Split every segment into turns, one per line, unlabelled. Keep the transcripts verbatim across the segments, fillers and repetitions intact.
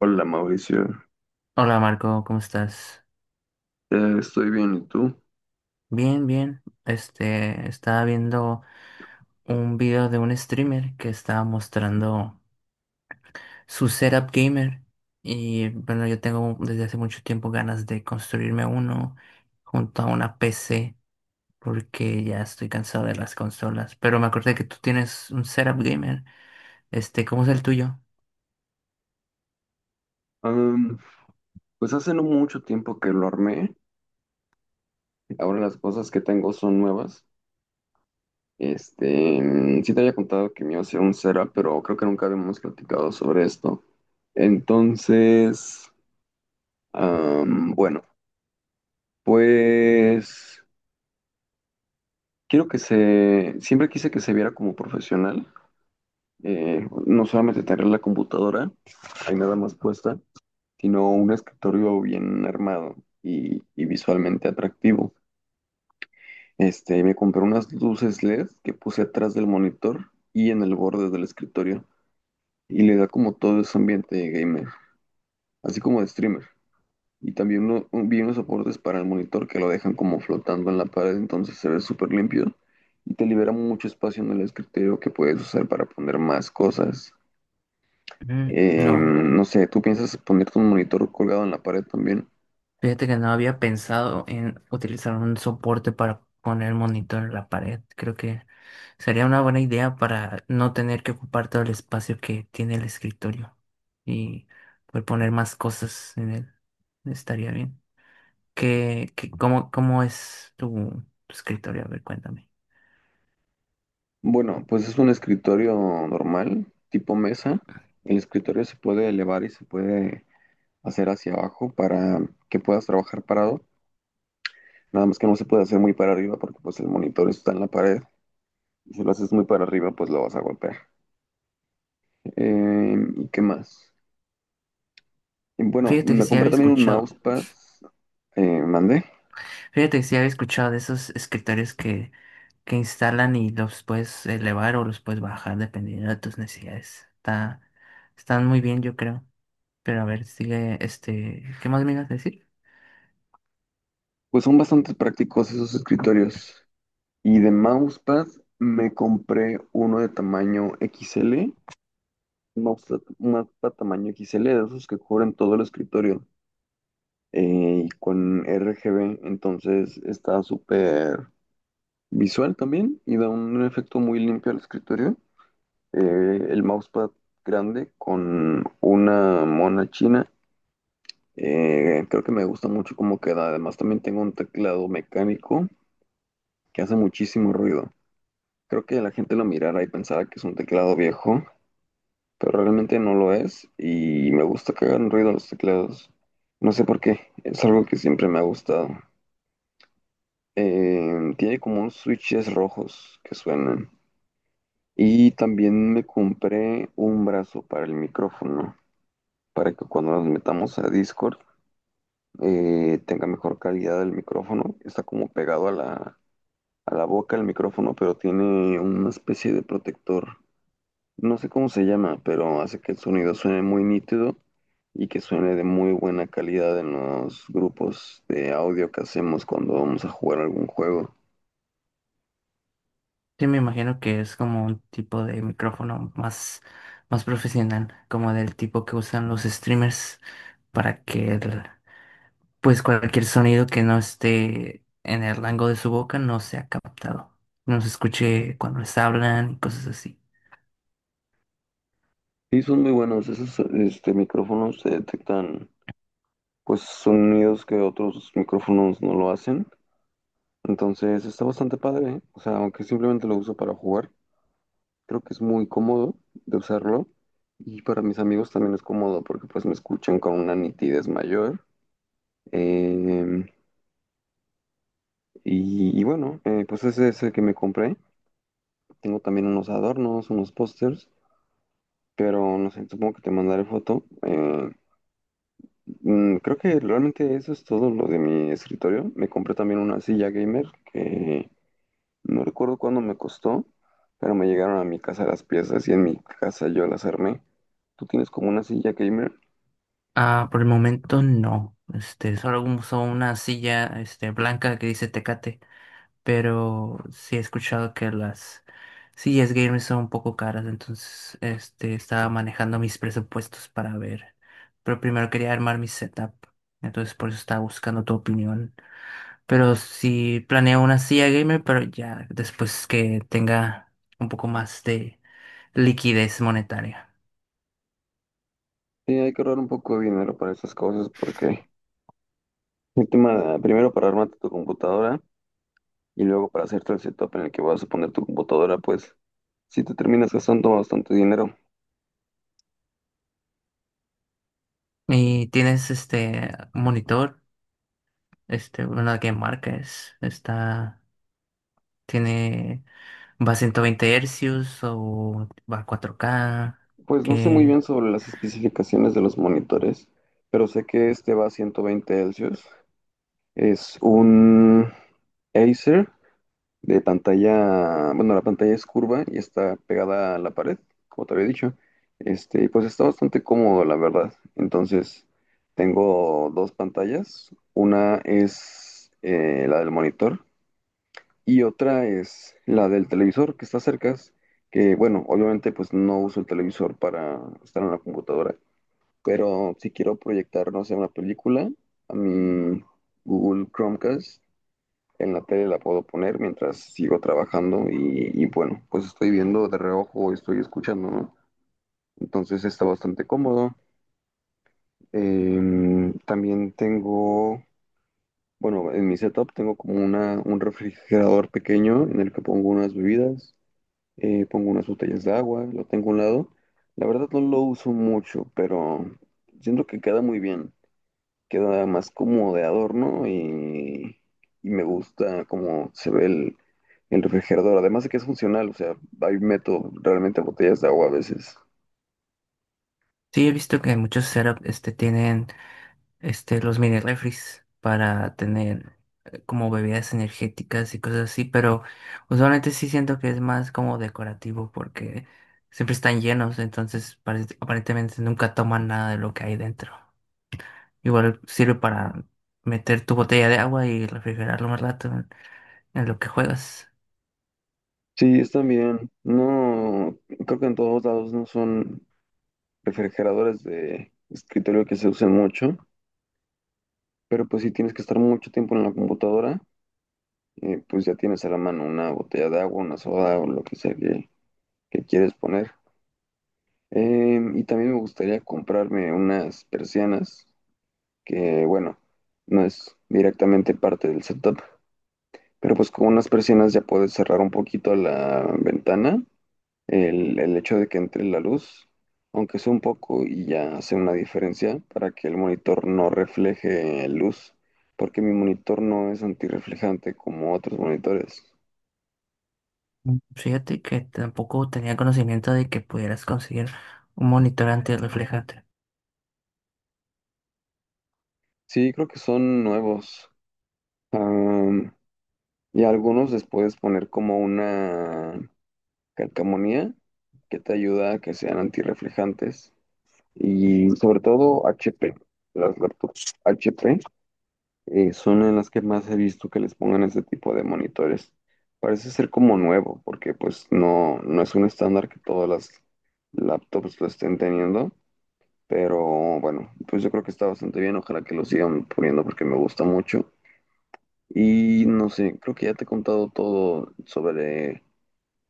Hola Mauricio.
Hola Marco, ¿cómo estás?
Eh, estoy bien, ¿y tú?
Bien, bien. Este, estaba viendo un video de un streamer que estaba mostrando su setup gamer y bueno, yo tengo desde hace mucho tiempo ganas de construirme uno junto a una P C porque ya estoy cansado de las consolas, pero me acordé que tú tienes un setup gamer. Este, ¿cómo es el tuyo?
Am, pues hace no mucho tiempo que lo armé, ahora las cosas que tengo son nuevas. Este, mm, sí te había contado que me iba a hacer un setup, pero creo que nunca habíamos platicado sobre esto. Entonces, am, bueno, pues quiero que se, siempre quise que se viera como profesional, eh, no solamente tener la computadora ahí nada más puesta, sino un escritorio bien armado y, y visualmente atractivo. Este, me compré unas luces L E D que puse atrás del monitor y en el borde del escritorio, y le da como todo ese ambiente de gamer, así como de streamer. Y también uno, un- vi unos soportes para el monitor que lo dejan como flotando en la pared, entonces se ve súper limpio y te libera mucho espacio en el escritorio que puedes usar para poner más cosas.
Mm, no.
Em, no sé, ¿tú piensas ponerte un monitor colgado en la pared también?
Fíjate que no había pensado en utilizar un soporte para poner el monitor en la pared. Creo que sería una buena idea para no tener que ocupar todo el espacio que tiene el escritorio y poder poner más cosas en él. Estaría bien. ¿Qué, qué- cómo, cómo es tu, tu escritorio? A ver, cuéntame.
Bueno, pues es un escritorio normal, tipo mesa. El escritorio se puede elevar y se puede hacer hacia abajo para que puedas trabajar parado. Nada más que no se puede hacer muy para arriba porque pues el monitor está en la pared. Si lo haces muy para arriba, pues lo vas a golpear. Eh, ¿y qué más? Y bueno,
Fíjate que
me
sí
compré
había
también un
escuchado.
mousepad. Eh, mandé.
Fíjate que sí había escuchado de esos escritorios que, que instalan y los puedes elevar o los puedes bajar dependiendo de tus necesidades. Está, están muy bien, yo creo. Pero a ver, sigue, este, ¿qué más me ibas a decir?
Pues son bastante prácticos esos escritorios. Y de mousepad me compré uno de tamaño X L, un mousepad un mousepad tamaño X L, de esos que cubren todo el escritorio, eh, y con R G B, entonces está súper visual también y da un efecto muy limpio al escritorio. Eh, el mousepad grande con una mona china, eh, creo que me gusta mucho cómo queda. Además, también tengo un teclado mecánico que hace muchísimo ruido. Creo que la gente lo mirara y pensara que es un teclado viejo, pero realmente no lo es y me gusta que hagan ruido los teclados. No sé por qué, es algo que siempre me ha gustado. Eh, tiene como unos switches rojos que suenan. Y también me compré un brazo para el micrófono, para que cuando nos metamos a Discord eh, tenga mejor calidad el micrófono. Está como pegado a la, a la boca el micrófono, pero tiene una especie de protector. No sé cómo se llama, pero hace que el sonido suene muy nítido y que suene de muy buena calidad en los grupos de audio que hacemos cuando vamos a jugar algún juego.
Sí, me imagino que es como un tipo de micrófono más, más profesional, como del tipo que usan los streamers para que el- pues cualquier sonido que no esté en el rango de su boca no sea captado, no se escuche cuando les hablan y cosas así.
Y son muy buenos, esos este, micrófonos se detectan pues sonidos que otros micrófonos no lo hacen. Entonces está bastante padre, ¿eh? O sea, aunque simplemente lo uso para jugar, creo que es muy cómodo de usarlo. Y para mis amigos también es cómodo porque pues me escuchan con una nitidez mayor. Eh, Y, y bueno, eh, pues ese es el que me compré. Tengo también unos adornos, unos pósters, pero no sé, supongo que te mandaré foto. Eh, mm, creo que realmente eso es todo lo de mi escritorio. Me compré también una silla gamer que no recuerdo cuándo me costó, pero me llegaron a mi casa las piezas y en mi casa yo las armé. ¿Tú tienes como una silla gamer?
Ah, por el momento no. Este, solo uso una silla, este, blanca que dice Tecate, pero sí he escuchado que las sillas gamers son un poco caras, entonces, este, estaba manejando mis presupuestos para ver. Pero primero quería armar mi setup, entonces por eso estaba buscando tu opinión. Pero sí planeo una silla gamer, pero ya después que tenga un poco más de liquidez monetaria.
Sí, hay que ahorrar un poco de dinero para esas cosas porque el tema, primero para armarte tu computadora y luego para hacerte el setup en el que vas a poner tu computadora, pues si te terminas gastando bastante dinero.
¿Y tienes este monitor? Este, bueno, la que marca es, está, tiene, va a ciento veinte hercios o va a cuatro K,
Pues no sé muy
que
bien sobre las especificaciones de los monitores, pero sé que este va a ciento veinte Hz. Es un Acer de pantalla, bueno, la pantalla es curva y está pegada a la pared, como te había dicho. Este, y pues está bastante cómodo, la verdad. Entonces, tengo dos pantallas. Una es eh, la del monitor. Y otra es la del televisor que está cerca, que bueno, obviamente pues no uso el televisor para estar en la computadora, pero si quiero proyectar, no sé, una película, a mi Google Chromecast en la tele la puedo poner mientras sigo trabajando y, y, bueno, pues estoy viendo de reojo, o estoy escuchando, ¿no? Entonces está bastante cómodo. Em, también tengo, bueno, en mi setup tengo como una, un refrigerador pequeño en el que pongo unas bebidas, eh, pongo unas botellas de agua, lo tengo a un lado. La verdad no lo uso mucho, pero siento que queda muy bien. Queda más como de adorno y, y me gusta cómo se ve el, el refrigerador. Además de que es funcional, o sea, ahí meto realmente botellas de agua a veces.
sí he visto que muchos setups este, tienen, este, los mini refris para tener eh, como bebidas energéticas y cosas así, pero usualmente sí siento que es más como decorativo porque siempre están llenos, entonces parece- aparentemente nunca toman nada de lo que hay dentro. Igual sirve para meter tu botella de agua y refrigerarlo más rato en lo que juegas.
Sí, están bien. No, creo que en todos lados no son refrigeradores de escritorio que se usen mucho, pero pues sí tienes que estar mucho tiempo en la computadora, eh, pues ya tienes a la mano una botella de agua, una soda o lo que sea que, que quieres poner. Eh, y también me gustaría comprarme unas persianas, que bueno, no es directamente parte del setup, pero pues con unas persianas ya puedes cerrar un poquito la ventana, el, el hecho de que entre la luz, aunque sea un poco, y ya hace una diferencia para que el monitor no refleje luz, porque mi monitor no es antirreflejante como otros monitores.
Mm, fíjate que tampoco tenía conocimiento de que pudieras conseguir un monitor antirreflejante.
Sí, creo que son nuevos. Am, y algunos les puedes poner como una calcamonía que te ayuda a que sean antirreflejantes. Y sobre todo H P. Las laptops H P eh, son en las que más he visto que les pongan este tipo de monitores. Parece ser como nuevo, porque pues no, no es un estándar que todas las laptops lo estén teniendo. Pero bueno, pues yo creo que está bastante bien. Ojalá que lo sigan poniendo porque me gusta mucho. Y no sé, creo que ya te he contado todo sobre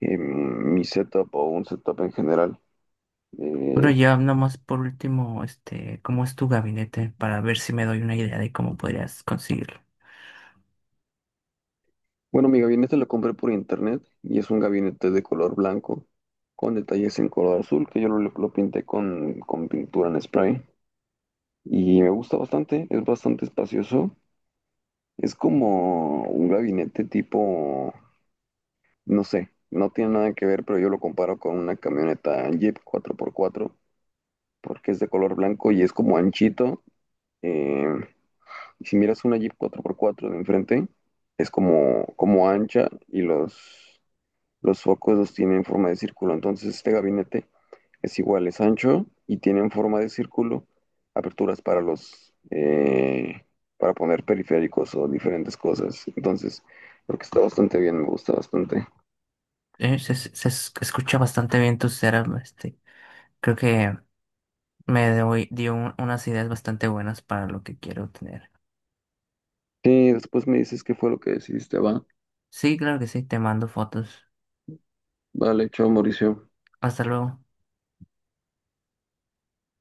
eh, mi setup o un setup en general. Eh,
Bueno, ya nomás por último, este, ¿cómo es tu gabinete? Para ver si me doy una idea de cómo podrías conseguirlo.
bueno, mi gabinete lo compré por internet y es un gabinete de color blanco con detalles en color azul que yo lo, lo pinté con, con pintura en spray y me gusta bastante, es bastante espacioso. Es como un gabinete tipo, no sé, no tiene nada que ver, pero yo lo comparo con una camioneta Jeep cuatro por cuatro porque es de color blanco y es como anchito. Eh, si miras una Jeep cuatro por cuatro de enfrente, es como, como ancha y los, los focos los tienen en forma de círculo. Entonces este gabinete es igual, es ancho y tienen forma de círculo, aperturas para los eh, para poner periféricos o diferentes cosas. Entonces, creo que está bastante bien, me gusta bastante.
Eh, se, se- se escucha bastante bien tu setup, este. Creo que Me doy- dio un- unas ideas bastante buenas para lo que quiero tener.
Sí, después me dices qué fue lo que decidiste, va.
Sí, claro que sí, te mando fotos.
Vale, chao Mauricio.
Hasta luego.